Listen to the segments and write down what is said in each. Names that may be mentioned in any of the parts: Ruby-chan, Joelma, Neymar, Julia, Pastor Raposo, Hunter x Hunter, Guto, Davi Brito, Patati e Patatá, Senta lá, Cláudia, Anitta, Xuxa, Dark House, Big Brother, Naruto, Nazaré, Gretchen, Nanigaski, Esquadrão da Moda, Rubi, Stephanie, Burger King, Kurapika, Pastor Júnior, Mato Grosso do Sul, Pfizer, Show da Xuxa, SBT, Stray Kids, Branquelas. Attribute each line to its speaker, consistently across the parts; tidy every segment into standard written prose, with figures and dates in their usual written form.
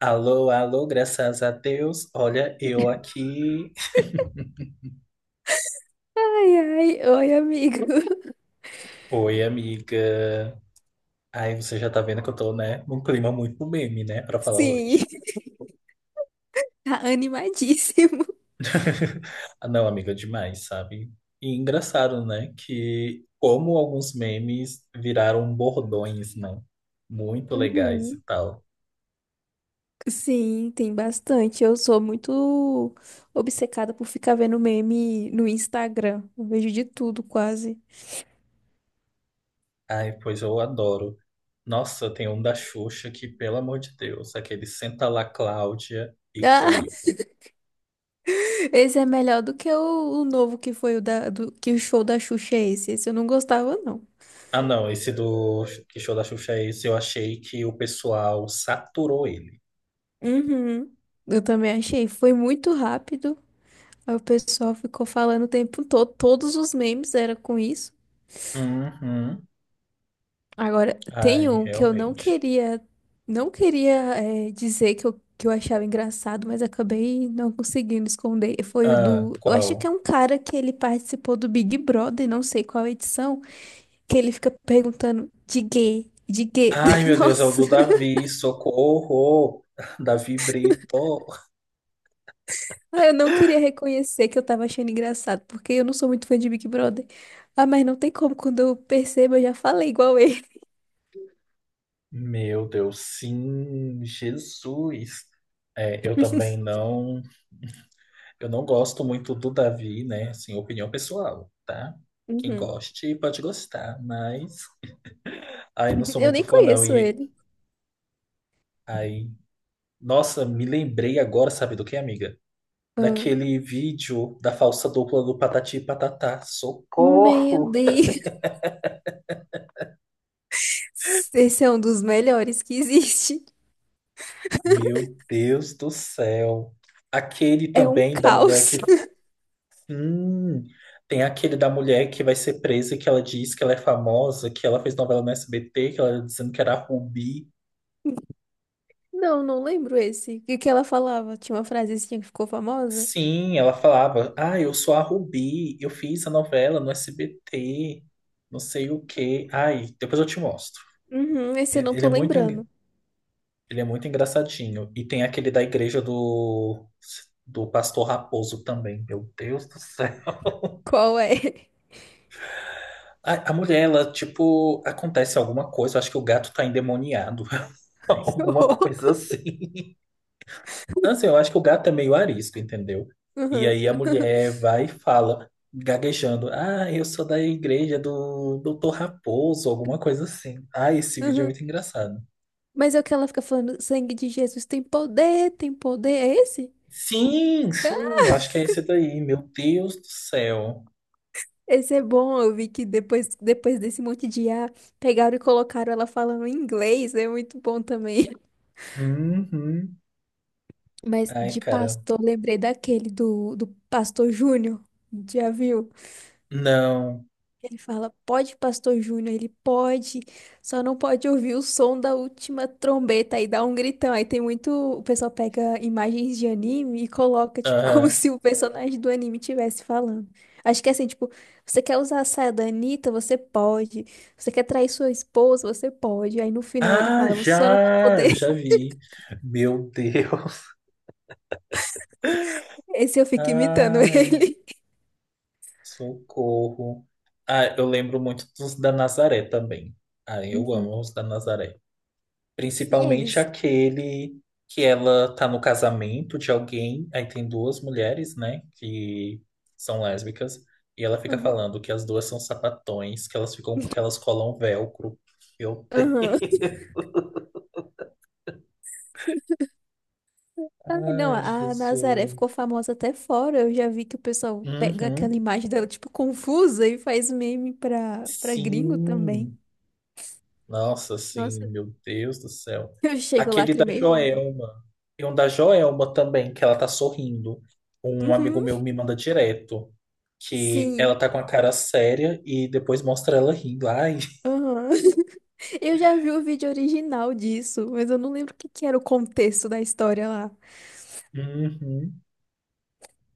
Speaker 1: Alô, alô, graças a Deus. Olha, eu aqui.
Speaker 2: Ai, ai, oi, amigo.
Speaker 1: Oi, amiga. Ai, você já tá vendo que eu tô, né, num clima muito meme, né, pra falar
Speaker 2: Sim,
Speaker 1: hoje.
Speaker 2: tá animadíssimo.
Speaker 1: Ah, não, amiga, demais, sabe? E engraçado, né, que como alguns memes viraram bordões, né? Muito legais e
Speaker 2: Uhum.
Speaker 1: tal.
Speaker 2: Sim, tem bastante. Eu sou muito obcecada por ficar vendo meme no Instagram. Eu vejo de tudo, quase.
Speaker 1: Ai, pois eu adoro. Nossa, tem um da Xuxa que, pelo amor de Deus, aquele Senta lá, Cláudia,
Speaker 2: Ah,
Speaker 1: icônico.
Speaker 2: esse é melhor do que o novo que foi o da, do, que o show da Xuxa é esse. Esse eu não gostava, não.
Speaker 1: Ah, não, esse do Que Show da Xuxa é esse, eu achei que o pessoal saturou ele.
Speaker 2: Uhum. Eu também achei. Foi muito rápido. Aí o pessoal ficou falando o tempo todo. Todos os memes era com isso.
Speaker 1: Uhum.
Speaker 2: Agora, tem
Speaker 1: Ai,
Speaker 2: um que eu não
Speaker 1: realmente.
Speaker 2: queria, não queria dizer que eu achava engraçado, mas acabei não conseguindo esconder. Foi o
Speaker 1: Ah,
Speaker 2: do. Eu acho que
Speaker 1: qual?
Speaker 2: é um cara que ele participou do Big Brother, não sei qual edição, que ele fica perguntando de gay, de gay.
Speaker 1: Ai, meu Deus, é o
Speaker 2: Nossa,
Speaker 1: do Davi, socorro! Davi Brito.
Speaker 2: ah, eu não queria reconhecer que eu tava achando engraçado, porque eu não sou muito fã de Big Brother. Ah, mas não tem como, quando eu percebo, eu já falei igual ele.
Speaker 1: Meu Deus, sim, Jesus. É, eu também não, eu não gosto muito do Davi, né? Assim, opinião pessoal, tá? Quem
Speaker 2: Uhum.
Speaker 1: goste pode gostar, mas ai, não sou
Speaker 2: Eu
Speaker 1: muito
Speaker 2: nem
Speaker 1: fã não.
Speaker 2: conheço
Speaker 1: E
Speaker 2: ele.
Speaker 1: ai Nossa, me lembrei agora, sabe do que, amiga?
Speaker 2: Ah.
Speaker 1: Daquele vídeo da falsa dupla do Patati e Patatá.
Speaker 2: Meu
Speaker 1: Socorro!
Speaker 2: Deus. Esse é um dos melhores que existe.
Speaker 1: Meu Deus do céu! Aquele
Speaker 2: É um
Speaker 1: também da mulher
Speaker 2: caos.
Speaker 1: que. Hum, tem aquele da mulher que vai ser presa e que ela diz que ela é famosa, que ela fez novela no SBT, que ela era dizendo que era a Rubi.
Speaker 2: Não, não lembro esse. E o que ela falava? Tinha uma frasezinha que ficou famosa?
Speaker 1: Sim, ela falava: Ah, eu sou a Rubi, eu fiz a novela no SBT, não sei o quê. Ai, depois eu te mostro.
Speaker 2: Uhum, esse eu não
Speaker 1: Ele
Speaker 2: tô
Speaker 1: é muito, en-
Speaker 2: lembrando.
Speaker 1: Ele é muito engraçadinho. E tem aquele da igreja do, do pastor Raposo também. Meu Deus do céu.
Speaker 2: Qual é?
Speaker 1: A mulher, ela, tipo, acontece alguma coisa. Eu acho que o gato tá endemoniado.
Speaker 2: Que
Speaker 1: Alguma coisa
Speaker 2: horror.
Speaker 1: assim. Assim, eu acho que o gato é meio arisco, entendeu? E
Speaker 2: Uhum,
Speaker 1: aí a mulher vai e fala, gaguejando: Ah, eu sou da igreja do Doutor Raposo, alguma coisa assim. Ah, esse vídeo é
Speaker 2: uhum.
Speaker 1: muito engraçado.
Speaker 2: Mas é o que ela fica falando, sangue de Jesus tem poder, tem poder. É esse?
Speaker 1: Sim, sim, eu acho que é esse daí. Meu Deus do céu.
Speaker 2: Esse é bom, eu vi que depois, depois desse monte de ah, pegaram e colocaram ela falando em inglês, é muito bom também.
Speaker 1: Uhum.
Speaker 2: Mas
Speaker 1: Ai,
Speaker 2: de
Speaker 1: cara.
Speaker 2: pastor, lembrei daquele do pastor Júnior, já viu?
Speaker 1: Não.
Speaker 2: Ele fala, pode, Pastor Júnior, ele pode, só não pode ouvir o som da última trombeta, aí dá um gritão. Aí tem muito, o pessoal pega imagens de anime e coloca, tipo, como
Speaker 1: Aham.
Speaker 2: se o personagem do anime estivesse falando. Acho que é assim, tipo, você quer usar a saia da Anitta, você pode. Você quer trair sua esposa, você pode. Aí no final ele
Speaker 1: Ah,
Speaker 2: fala, você só não vai
Speaker 1: já!
Speaker 2: poder.
Speaker 1: Eu já vi. Meu Deus.
Speaker 2: Esse eu fico imitando
Speaker 1: Ai,
Speaker 2: ele.
Speaker 1: socorro. Ah, eu lembro muito dos da Nazaré também. Ah, eu
Speaker 2: Uhum.
Speaker 1: amo os da Nazaré.
Speaker 2: Sim,
Speaker 1: Principalmente
Speaker 2: eles.
Speaker 1: aquele que ela tá no casamento de alguém. Aí tem duas mulheres, né? Que são lésbicas. E ela fica
Speaker 2: Aham,
Speaker 1: falando que as duas são sapatões, que elas ficam, que elas colam velcro. Meu
Speaker 2: aham,
Speaker 1: Deus.
Speaker 2: ai, não,
Speaker 1: Ai,
Speaker 2: a
Speaker 1: Jesus.
Speaker 2: Nazaré ficou famosa até fora. Eu já vi que o pessoal pega aquela
Speaker 1: Uhum.
Speaker 2: imagem dela, tipo, confusa e faz meme pra gringo também.
Speaker 1: Sim. Nossa, sim,
Speaker 2: Nossa,
Speaker 1: meu Deus do céu.
Speaker 2: eu chego,
Speaker 1: Aquele da
Speaker 2: lacrimei.
Speaker 1: Joelma. E um da Joelma também, que ela tá sorrindo. Um amigo
Speaker 2: Uhum,
Speaker 1: meu me manda direto. Que ela
Speaker 2: sim.
Speaker 1: tá com a cara séria e depois mostra ela rindo. Ai.
Speaker 2: Aham. Eu já vi o vídeo original disso, mas eu não lembro o que que era o contexto da história lá.
Speaker 1: Uhum.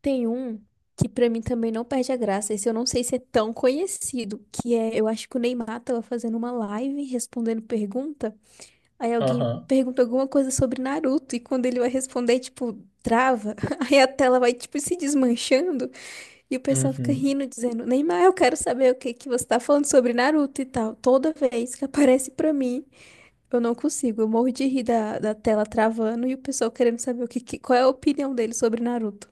Speaker 2: Tem um que pra mim também não perde a graça, esse eu não sei se é tão conhecido, que é, eu acho que o Neymar tava fazendo uma live respondendo pergunta. Aí alguém
Speaker 1: Aham.
Speaker 2: pergunta alguma coisa sobre Naruto e quando ele vai responder, tipo, trava. Aí a tela vai, tipo, se desmanchando e o pessoal fica
Speaker 1: Uhum.
Speaker 2: rindo, dizendo: Neymar, eu quero saber o que que você tá falando sobre Naruto e tal. Toda vez que aparece pra mim, eu não consigo. Eu morro de rir da tela travando e o pessoal querendo saber o que, qual é a opinião dele sobre Naruto.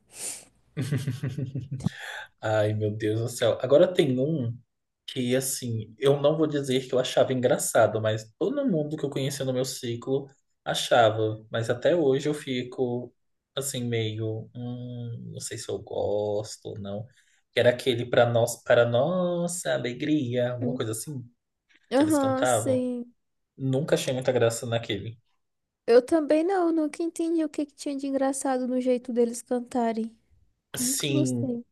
Speaker 1: Ai, meu Deus do céu. Agora tem um que, assim, eu não vou dizer que eu achava engraçado, mas todo mundo que eu conhecia no meu ciclo achava. Mas até hoje eu fico, assim, meio, não sei se eu gosto ou não. Que era aquele para nós, para nossa alegria, alguma
Speaker 2: Hum.
Speaker 1: coisa assim que eles
Speaker 2: Aham,
Speaker 1: cantavam.
Speaker 2: sim.
Speaker 1: Nunca achei muita graça naquele.
Speaker 2: Eu também não, nunca entendi o que que tinha de engraçado no jeito deles cantarem. Nunca
Speaker 1: Sim,
Speaker 2: gostei.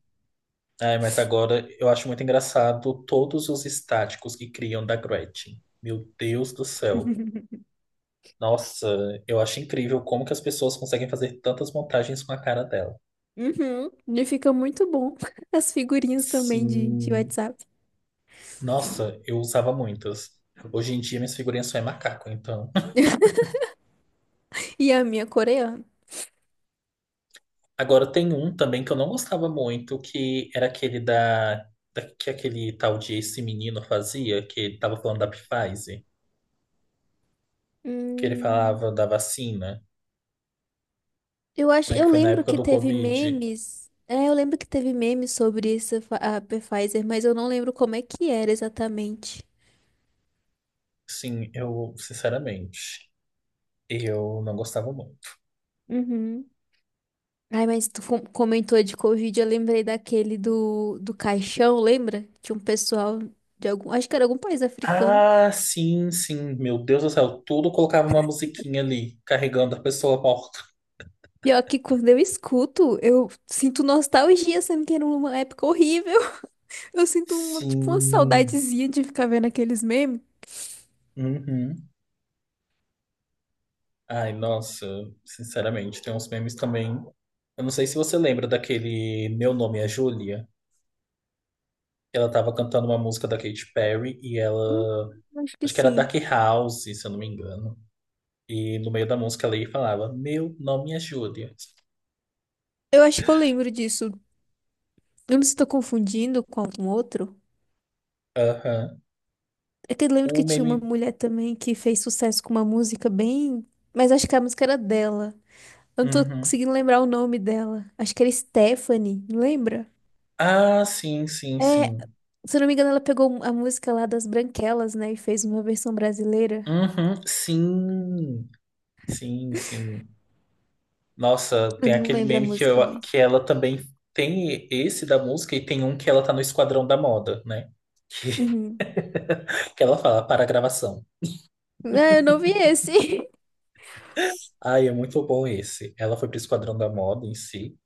Speaker 1: ai, mas agora eu acho muito engraçado todos os estáticos que criam da Gretchen. Meu Deus do céu. Nossa, eu acho incrível como que as pessoas conseguem fazer tantas montagens com a cara dela.
Speaker 2: Uhum. E fica muito bom. As figurinhas também de
Speaker 1: Sim.
Speaker 2: WhatsApp.
Speaker 1: Nossa, eu usava muitas. Hoje em dia minhas figurinhas só é macaco, então.
Speaker 2: E a minha é coreana.
Speaker 1: Agora tem um também que eu não gostava muito, que era aquele da, da que aquele tal de esse menino fazia, que ele tava falando da Pfizer, que ele
Speaker 2: Hum,
Speaker 1: falava da vacina,
Speaker 2: eu acho,
Speaker 1: né, que
Speaker 2: eu
Speaker 1: foi na
Speaker 2: lembro
Speaker 1: época
Speaker 2: que
Speaker 1: do
Speaker 2: teve
Speaker 1: Covid.
Speaker 2: memes. É, eu lembro que teve memes sobre essa a Pfizer, mas eu não lembro como é que era exatamente.
Speaker 1: Sim, eu, sinceramente, eu não gostava muito.
Speaker 2: Uhum. Ai, mas tu comentou de Covid, eu lembrei daquele do caixão, lembra? Tinha um pessoal de algum, acho que era algum país africano.
Speaker 1: Ah, sim, sim. Meu Deus do céu, tudo colocava uma musiquinha ali, carregando a pessoa morta.
Speaker 2: Pior que quando eu escuto, eu sinto nostalgia, sendo que era uma época horrível. Eu sinto uma, tipo, uma
Speaker 1: Sim.
Speaker 2: saudadezinha de ficar vendo aqueles memes.
Speaker 1: Uhum. Ai, nossa, sinceramente, tem uns memes também. Eu não sei se você lembra daquele Meu Nome é Julia. Ela tava cantando uma música da Katy Perry e
Speaker 2: Hum,
Speaker 1: ela.
Speaker 2: acho que
Speaker 1: Acho que era Dark
Speaker 2: sim.
Speaker 1: House, se eu não me engano. E no meio da música ela ia e falava: Meu nome é Julia.
Speaker 2: Eu acho que eu lembro disso. Eu não sei se tô confundindo com algum outro.
Speaker 1: Aham.
Speaker 2: É que eu lembro
Speaker 1: O
Speaker 2: que tinha uma
Speaker 1: meme.
Speaker 2: mulher também que fez sucesso com uma música bem. Mas acho que a música era dela. Eu não tô
Speaker 1: Uhum.
Speaker 2: conseguindo lembrar o nome dela. Acho que era Stephanie, não lembra?
Speaker 1: Ah, sim, sim,
Speaker 2: É,
Speaker 1: sim.
Speaker 2: se eu não me engano, ela pegou a música lá das Branquelas, né? E fez uma versão brasileira.
Speaker 1: Uhum, sim, sim, sim. Nossa,
Speaker 2: Eu
Speaker 1: tem
Speaker 2: não
Speaker 1: aquele
Speaker 2: lembro a
Speaker 1: meme que,
Speaker 2: música
Speaker 1: eu, que
Speaker 2: mais.
Speaker 1: ela também tem esse da música e tem um que ela tá no Esquadrão da Moda, né? Que,
Speaker 2: Uhum.
Speaker 1: que ela fala para a gravação.
Speaker 2: Ah, eu não vi esse.
Speaker 1: Ai, é muito bom esse. Ela foi pro Esquadrão da Moda em si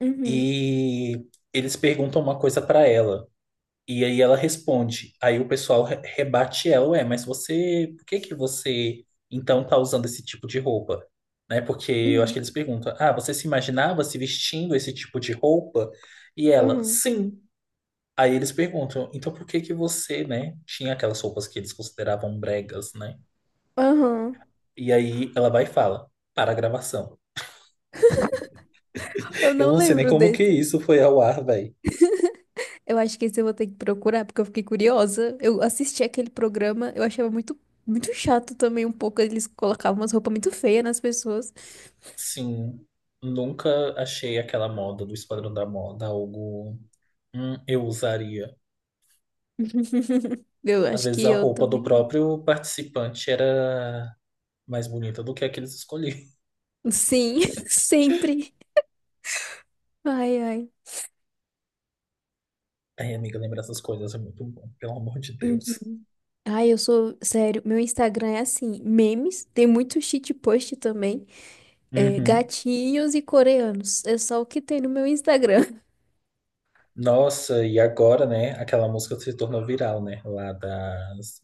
Speaker 2: Uhum,
Speaker 1: e eles perguntam uma coisa pra ela. E aí ela responde. Aí o pessoal rebate ela, ué, mas você, por que que você então tá usando esse tipo de roupa? Né? Porque eu acho que
Speaker 2: uhum,
Speaker 1: eles perguntam: "Ah, você se imaginava se vestindo esse tipo de roupa?" E ela:
Speaker 2: uhum.
Speaker 1: "Sim." Aí eles perguntam: "Então por que que você, né, tinha aquelas roupas que eles consideravam bregas, né?"
Speaker 2: Aham.
Speaker 1: E aí ela vai e fala: "Para a gravação."
Speaker 2: Eu
Speaker 1: Eu
Speaker 2: não
Speaker 1: não sei nem
Speaker 2: lembro
Speaker 1: como que
Speaker 2: desse.
Speaker 1: isso foi ao ar, velho.
Speaker 2: Eu acho que esse eu vou ter que procurar, porque eu fiquei curiosa. Eu assisti aquele programa, eu achava muito, muito chato também um pouco. Eles colocavam umas roupas muito feias nas pessoas.
Speaker 1: Sim, nunca achei aquela moda do Esquadrão da Moda algo eu usaria.
Speaker 2: Eu
Speaker 1: Às
Speaker 2: acho que
Speaker 1: vezes a
Speaker 2: eu
Speaker 1: roupa do
Speaker 2: também.
Speaker 1: próprio participante era mais bonita do que a que eles escolhiam.
Speaker 2: Sim, sempre. Ai, ai.
Speaker 1: Ai, amiga, lembrar essas coisas é muito bom, pelo amor de Deus.
Speaker 2: Uhum. Ai, eu sou. Sério, meu Instagram é assim: memes, tem muito cheat post também. É,
Speaker 1: Uhum.
Speaker 2: gatinhos e coreanos. É só o que tem no meu Instagram.
Speaker 1: Nossa, e agora, né? Aquela música se tornou viral, né? Lá das.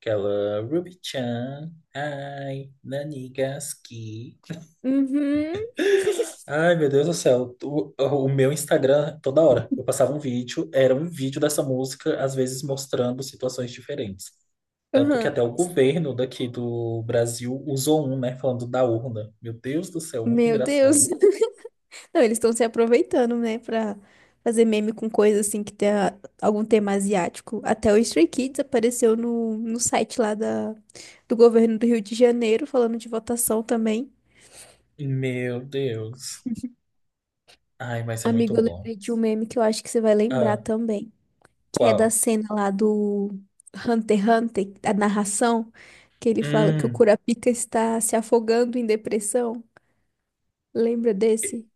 Speaker 1: Aquela Ruby-chan, ai, Nanigaski.
Speaker 2: Uhum.
Speaker 1: Ai, meu Deus do céu. O meu Instagram, toda hora, eu passava um vídeo, era um vídeo dessa música, às vezes mostrando situações diferentes. Tanto que
Speaker 2: Aham.
Speaker 1: até o governo daqui do Brasil usou um, né? Falando da urna. Meu Deus do céu, muito
Speaker 2: Meu
Speaker 1: engraçado.
Speaker 2: Deus. Não, eles estão se aproveitando, né, pra fazer meme com coisa assim que tem algum tema asiático. Até o Stray Kids apareceu no site lá da, do governo do Rio de Janeiro, falando de votação também.
Speaker 1: Meu Deus. Ai, mas é muito
Speaker 2: Amigo, eu
Speaker 1: bom.
Speaker 2: lembrei de um meme que eu acho que você vai lembrar
Speaker 1: Ah,
Speaker 2: também, que é da
Speaker 1: qual?
Speaker 2: cena lá do Hunter x Hunter, a narração, que ele fala que o
Speaker 1: Hum,
Speaker 2: Kurapika está se afogando em depressão. Lembra desse?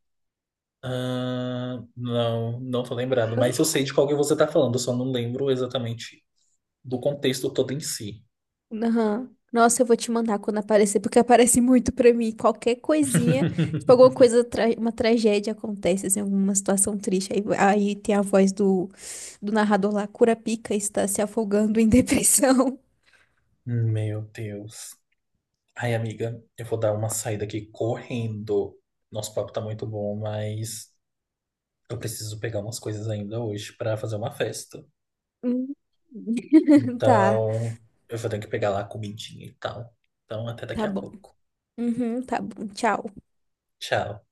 Speaker 1: ah, não, não tô lembrado. Mas eu sei de qual que você tá falando, eu só não lembro exatamente do contexto todo em si.
Speaker 2: Aham. Nossa, eu vou te mandar quando aparecer, porque aparece muito pra mim. Qualquer coisinha, tipo, alguma coisa, uma tragédia acontece, assim, alguma situação triste. Aí, tem a voz do, do narrador lá, Curapica está se afogando em depressão.
Speaker 1: Meu Deus. Ai, amiga, eu vou dar uma saída aqui correndo. Nosso papo tá muito bom, mas eu preciso pegar umas coisas ainda hoje pra fazer uma festa.
Speaker 2: Hum. Tá,
Speaker 1: Então, eu vou ter que pegar lá a comidinha e tal. Então, até daqui
Speaker 2: tá
Speaker 1: a
Speaker 2: bom.
Speaker 1: pouco.
Speaker 2: Uhum, tá bom. Tchau.
Speaker 1: Tchau.